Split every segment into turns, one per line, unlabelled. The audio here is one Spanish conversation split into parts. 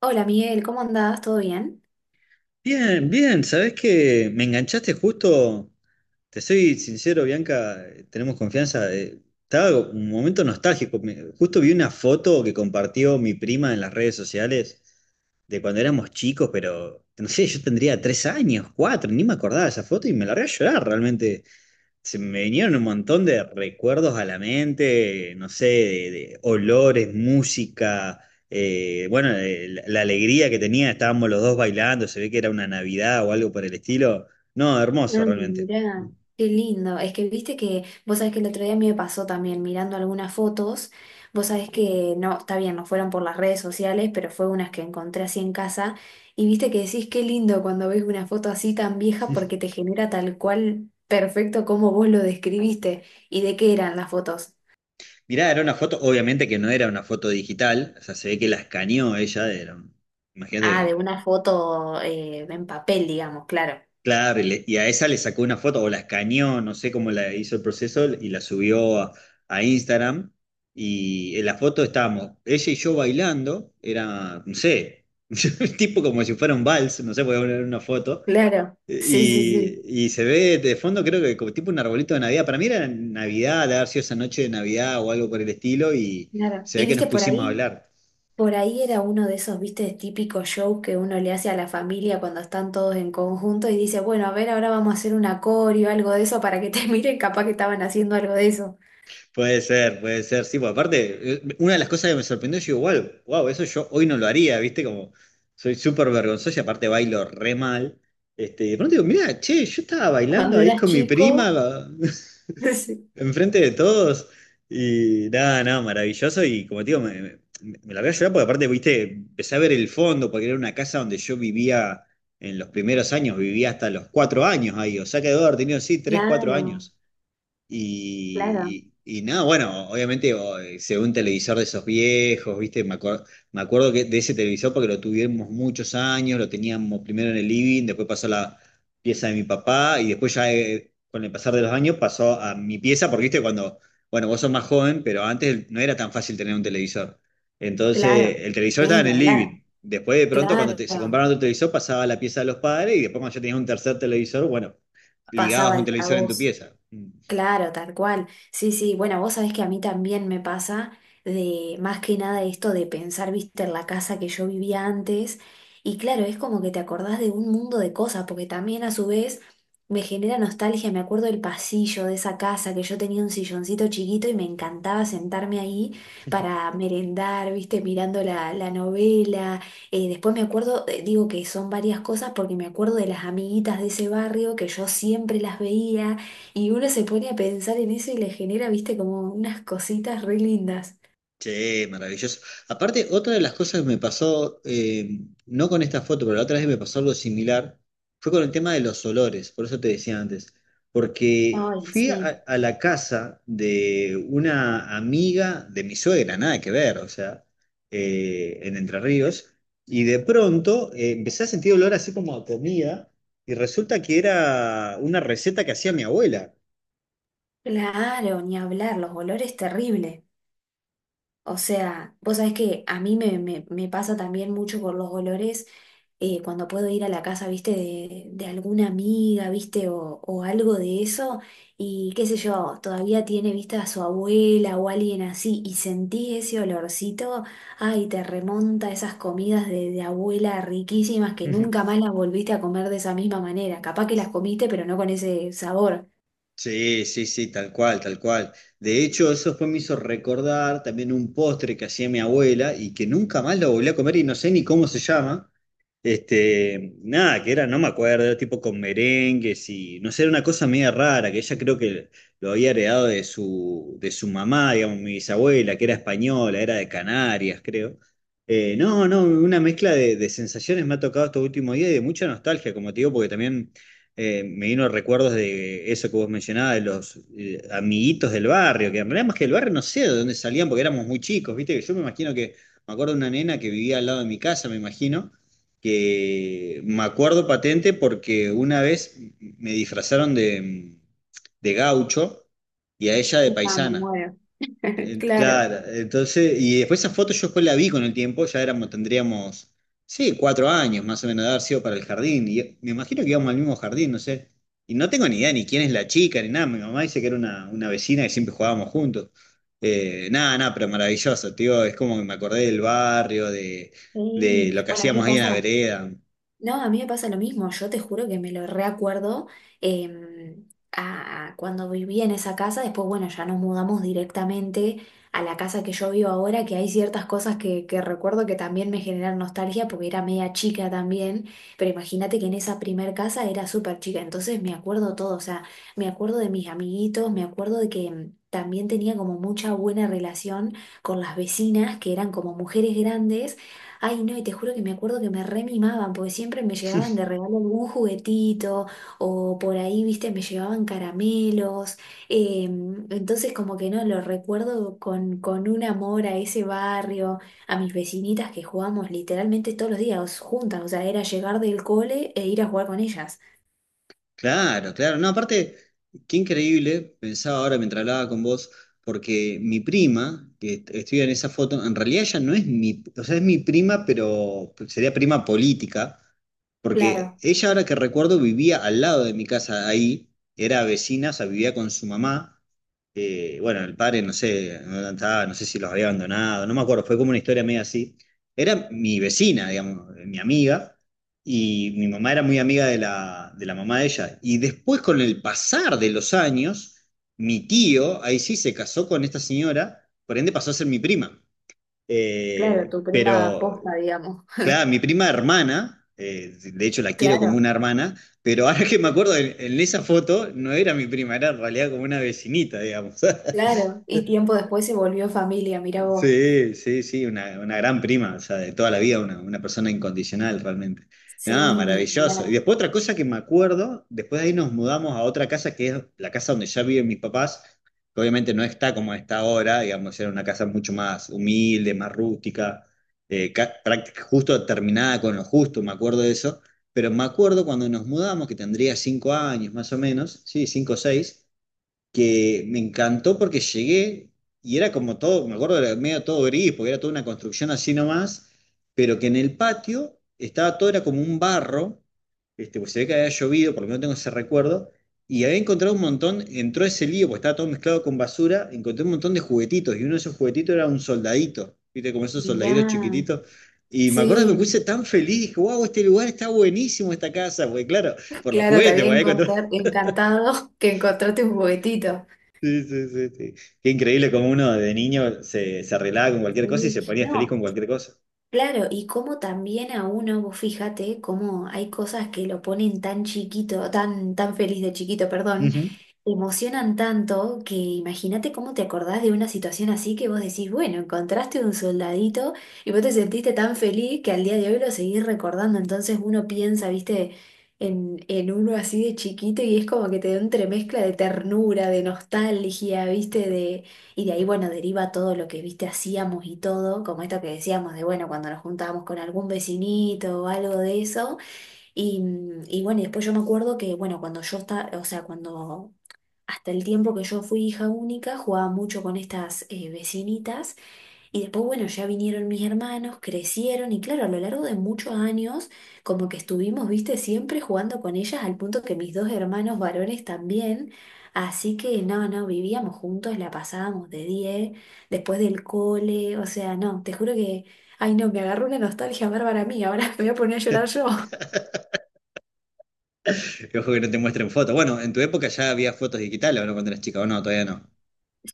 Hola Miguel, ¿cómo andás? ¿Todo bien?
Bien, bien. ¿Sabés que me enganchaste justo? Te soy sincero, Bianca, tenemos confianza. Estaba un momento nostálgico, justo vi una foto que compartió mi prima en las redes sociales de cuando éramos chicos, pero no sé, yo tendría 3 años, cuatro, ni me acordaba de esa foto y me largué a llorar realmente. Se me vinieron un montón de recuerdos a la mente, no sé, de olores, música, bueno, la alegría que tenía, estábamos los dos bailando, se ve que era una Navidad o algo por el estilo. No, hermoso
Ay,
realmente.
mira. Qué lindo. Es que viste que, vos sabés que el otro día a mí me pasó también mirando algunas fotos. Vos sabés que, no, está bien, no fueron por las redes sociales, pero fue unas que encontré así en casa. Y viste que decís qué lindo cuando ves una foto así tan vieja porque te genera tal cual perfecto como vos lo describiste. ¿Y de qué eran las fotos?
Mirá, era una foto, obviamente que no era una foto digital, o sea, se ve que la escaneó ella,
Ah, de
imagínate.
una foto en papel, digamos, claro.
Claro, y a esa le sacó una foto o la escaneó, no sé cómo la hizo el proceso y la subió a Instagram. Y en la foto estábamos ella y yo bailando, era, no sé, tipo como si fuera un vals, no sé, voy a poner una foto.
Claro. Sí, sí,
Y,
sí.
y se ve de fondo, creo que como tipo un arbolito de Navidad. Para mí era Navidad, de haber sido esa noche de Navidad o algo por el estilo, y
Claro.
se
¿Y
ve que nos
viste por
pusimos a
ahí?
hablar.
Por ahí era uno de esos, viste, típicos show que uno le hace a la familia cuando están todos en conjunto y dice, bueno, a ver, ahora vamos a hacer un acorio, algo de eso, para que te miren, capaz que estaban haciendo algo de eso.
Puede ser, puede ser. Sí, pues aparte, una de las cosas que me sorprendió, yo digo, wow, wow, eso yo hoy no lo haría, ¿viste? Como soy súper vergonzoso y aparte bailo re mal. Este, y de pronto digo, mira, che, yo estaba bailando
Cuando
ahí
eras
con mi
chico,
prima,
sí.
enfrente de todos. Y nada, nada, maravilloso. Y como te digo, me la voy a llorar porque aparte, viste, empecé a ver el fondo, porque era una casa donde yo vivía en los primeros años, vivía hasta los 4 años ahí. O sea que debo haber tenido, sí, tres, cuatro
Claro,
años.
claro,
Y nada, bueno, obviamente se ve un televisor de esos viejos, ¿viste? Me acuerdo que de ese televisor porque lo tuvimos muchos años, lo teníamos primero en el living, después pasó a la pieza de mi papá y después ya con el pasar de los años pasó a mi pieza porque, ¿viste? Cuando, bueno, vos sos más joven, pero antes no era tan fácil tener un televisor. Entonces,
claro,
el televisor
sí,
estaba en
ni
el
hablar,
living. Después de pronto, cuando
claro,
se compraron otro televisor, pasaba a la pieza de los padres y después cuando ya tenías un tercer televisor, bueno, ligabas un
pasaba a
televisor en tu
vos.
pieza. Mm.
Claro, tal cual. Sí, sí, bueno, vos sabés que a mí también me pasa de más que nada esto de pensar, viste, en la casa que yo vivía antes. Y claro, es como que te acordás de un mundo de cosas, porque también a su vez me genera nostalgia. Me acuerdo del pasillo de esa casa que yo tenía un silloncito chiquito y me encantaba sentarme ahí para merendar, viste, mirando la novela. Después me acuerdo, digo que son varias cosas porque me acuerdo de las amiguitas de ese barrio que yo siempre las veía y uno se pone a pensar en eso y le genera, viste, como unas cositas re lindas.
Sí, maravilloso. Aparte, otra de las cosas que me pasó, no con esta foto, pero la otra vez me pasó algo similar, fue con el tema de los olores, por eso te decía antes, porque
Ay,
fui a,
sí.
a la casa de una amiga de mi suegra, nada que ver, o sea, en Entre Ríos, y de pronto empecé a sentir olor así como a comida, y resulta que era una receta que hacía mi abuela.
Claro, ni hablar, los olores terribles. O sea, vos sabés que a mí me pasa también mucho con los olores cuando puedo ir a la casa, viste, de alguna amiga, viste, o algo de eso, y qué sé yo, todavía tiene, viste, a su abuela o alguien así, y sentí ese olorcito, ay, te remonta a esas comidas de abuela riquísimas que nunca más las volviste a comer de esa misma manera. Capaz que las comiste, pero no con ese sabor.
Sí, sí, sí, tal cual, tal cual. De hecho, eso después me hizo recordar también un postre que hacía mi abuela y que nunca más lo volví a comer y no sé ni cómo se llama. Este, nada, que era, no me acuerdo, era tipo con merengues y no sé, era una cosa media rara, que ella creo que lo había heredado de su mamá, digamos, mi bisabuela, que era española, era de Canarias, creo. No, no, una mezcla de sensaciones me ha tocado estos últimos días y de mucha nostalgia, como te digo, porque también me vino recuerdos de eso que vos mencionabas, de los amiguitos del barrio, que en realidad más que del barrio no sé de dónde salían porque éramos muy chicos, ¿viste? Yo me imagino que, me acuerdo de una nena que vivía al lado de mi casa, me imagino, que me acuerdo patente porque una vez me disfrazaron de, gaucho y a ella de
Ah, me
paisana.
muero. Claro.
Claro, entonces, y después esa foto yo después la vi con el tiempo, ya éramos, tendríamos, sí, 4 años más o menos de haber sido para el jardín, y me imagino que íbamos al mismo jardín, no sé, y no tengo ni idea ni quién es la chica, ni nada, mi mamá dice que era una vecina que siempre jugábamos juntos. Nada, nada, pero maravilloso, tío, es como que me acordé del barrio, de
Sí.
lo que
Bueno, a mí me
hacíamos ahí en la
pasa.
vereda.
No, a mí me pasa lo mismo, yo te juro que me lo reacuerdo a, cuando vivía en esa casa, después bueno, ya nos mudamos directamente a la casa que yo vivo ahora, que hay ciertas cosas que recuerdo que también me generan nostalgia porque era media chica también, pero imagínate que en esa primer casa era súper chica, entonces me acuerdo todo, o sea, me acuerdo de mis amiguitos, me acuerdo de que... También tenía como mucha buena relación con las vecinas, que eran como mujeres grandes. Ay, no, y te juro que me acuerdo que me re mimaban, porque siempre me llevaban de regalo algún juguetito, o por ahí, viste, me llevaban caramelos. eh, entonces, como que no, lo recuerdo con un amor a ese barrio, a mis vecinitas que jugábamos literalmente todos los días juntas, o sea, era llegar del cole e ir a jugar con ellas.
Claro, claro. No, aparte, qué increíble, pensaba ahora mientras hablaba con vos, porque mi prima, que estudia en esa foto, en realidad ella no es mi, o sea, es mi prima, pero sería prima política, porque
Claro,
ella ahora que recuerdo vivía al lado de mi casa ahí, era vecina, o sea, vivía con su mamá. Bueno, el padre, no sé, no estaba, no sé si los había abandonado, no me acuerdo, fue como una historia medio así. Era mi vecina, digamos, mi amiga y mi mamá era muy amiga de la mamá de ella. Y después, con el pasar de los años, mi tío, ahí sí, se casó con esta señora, por ende pasó a ser mi prima.
claro,
Eh,
tu prima
pero,
posta, digamos.
claro, mi prima hermana, de hecho la quiero como
Claro,
una hermana, pero ahora que me acuerdo, en esa foto no era mi prima, era en realidad como una vecinita, digamos.
claro. Y tiempo después se volvió familia, mirá vos.
Sí, sí, sí, una gran prima, o sea, de toda la vida, una persona incondicional realmente. No,
Sí, ni
maravilloso. Y
hablar.
después otra cosa que me acuerdo, después de ahí nos mudamos a otra casa que es la casa donde ya viven mis papás, que obviamente no está como está ahora, digamos, era una casa mucho más humilde, más rústica, justo terminada con lo justo, me acuerdo de eso. Pero me acuerdo cuando nos mudamos, que tendría 5 años más o menos, sí, 5 o 6, que me encantó porque llegué y era como todo, me acuerdo, era medio todo gris, porque era toda una construcción así nomás, pero que en el patio estaba todo, era como un barro, este, pues se ve que había llovido, porque no tengo ese recuerdo, y había encontrado un montón, entró ese lío, porque estaba todo mezclado con basura, encontré un montón de juguetitos, y uno de esos juguetitos era un soldadito, viste, como esos soldaditos
Mirá.
chiquititos. Y me acuerdo que me
Sí,
puse tan feliz, dije, wow, este lugar está buenísimo, esta casa, porque claro, por los
claro, te
juguetes,
había encontrar- encantado que encontraste un juguetito.
sí, sí, sí, sí. Qué increíble como uno de niño se arreglaba con cualquier cosa y se
Sí,
ponía feliz con
no,
cualquier cosa.
claro, y como también a uno, vos fíjate, cómo hay cosas que lo ponen tan chiquito, tan, tan feliz de chiquito, perdón,
Ujú.
emocionan tanto que imagínate cómo te acordás de una situación así que vos decís, bueno, encontraste un soldadito y vos te sentiste tan feliz que al día de hoy lo seguís recordando. Entonces uno piensa, viste, en uno así de chiquito y es como que te da un entremezcla de ternura, de nostalgia, viste, de y de ahí, bueno, deriva todo lo que, viste, hacíamos y todo, como esto que decíamos de, bueno, cuando nos juntábamos con algún vecinito o algo de eso. Y, mm, y bueno, y después yo me acuerdo que, bueno, cuando yo estaba, o sea, cuando hasta el tiempo que yo fui hija única, jugaba mucho con estas vecinitas. Y después, bueno, ya vinieron mis hermanos, crecieron y claro, a lo largo de muchos años, como que estuvimos, viste, siempre jugando con ellas al punto que mis dos hermanos varones también. Así que no, no, vivíamos juntos, la pasábamos de 10 después del cole, o sea, no, te juro que, ay no, me agarró una nostalgia bárbara a mí, ahora me voy a poner a llorar yo.
Que ojo que no te muestren fotos. Bueno, en tu época ya había fotos digitales, ¿o no? Cuando eras chica, o no, todavía no.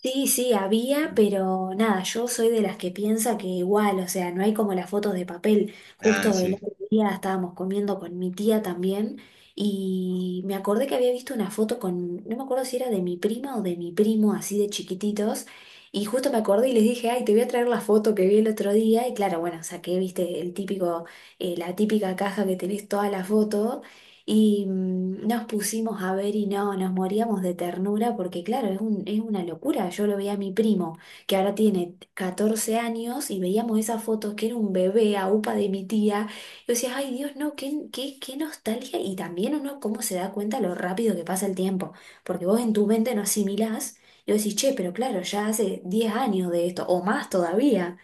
Sí, sí, había, pero nada, yo soy de las que piensa que igual, o sea, no hay como las fotos de papel.
Ah,
Justo el
sí.
otro día estábamos comiendo con mi tía también y me acordé que había visto una foto con, no me acuerdo si era de mi prima o de mi primo, así de chiquititos, y justo me acordé y les dije, ay, te voy a traer la foto que vi el otro día, y claro, bueno, saqué, viste, el típico, la típica caja que tenés toda la foto. Y mm, nos pusimos a ver y no, nos moríamos de ternura porque claro, es un, es una locura. Yo lo veía a mi primo, que ahora tiene 14 años, y veíamos esas fotos que era un bebé a upa de mi tía. Y yo decía, ay Dios, no, qué, qué, qué nostalgia. Y también uno cómo se da cuenta lo rápido que pasa el tiempo, porque vos en tu mente no asimilás y vos decís, che, pero claro, ya hace 10 años de esto, o más todavía.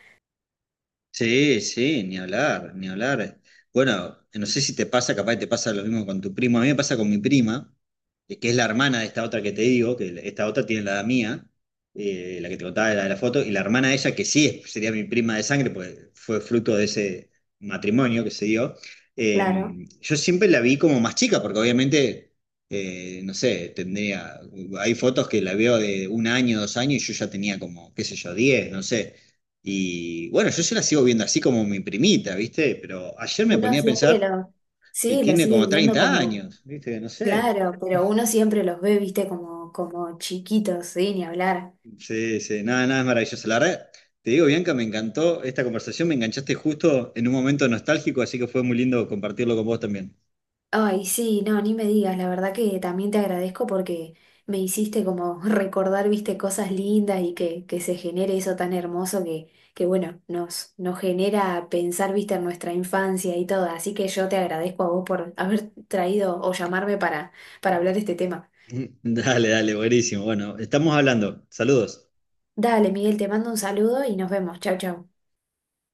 Sí, sí, ni hablar, ni hablar. Bueno, no sé si te pasa, capaz que te pasa lo mismo con tu primo. A mí me pasa con mi prima, que es la hermana de esta otra que te digo, que esta otra tiene la edad mía, la que te contaba, la de la foto, y la hermana de ella, que sí sería mi prima de sangre, porque fue fruto de ese matrimonio que se dio. eh,
Claro,
yo siempre la vi como más chica, porque obviamente, no sé, tendría, hay fotos que la veo de 1 año, 2 años, y yo ya tenía como, qué sé yo, 10, no sé. Y bueno, yo se la sigo viendo así como mi primita, ¿viste? Pero ayer me
uno
ponía a
siempre
pensar
lo,
y
sí, lo
tiene
sigue
como
viendo
30
como
años, ¿viste? No sé.
claro, pero uno siempre los ve, viste, como, como chiquitos, sí, ni hablar.
Sí, sí, nada, nada es maravilloso. La verdad, te digo, Bianca, me encantó esta conversación, me enganchaste justo en un momento nostálgico, así que fue muy lindo compartirlo con vos también.
Ay, sí, no, ni me digas, la verdad que también te agradezco porque me hiciste como recordar, viste, cosas lindas y que se genere eso tan hermoso que bueno, nos genera pensar, viste, en nuestra infancia y todo. Así que yo te agradezco a vos por haber traído o llamarme para hablar de este tema.
Dale, dale, buenísimo. Bueno, estamos hablando. Saludos.
Dale, Miguel, te mando un saludo y nos vemos. Chau, chau.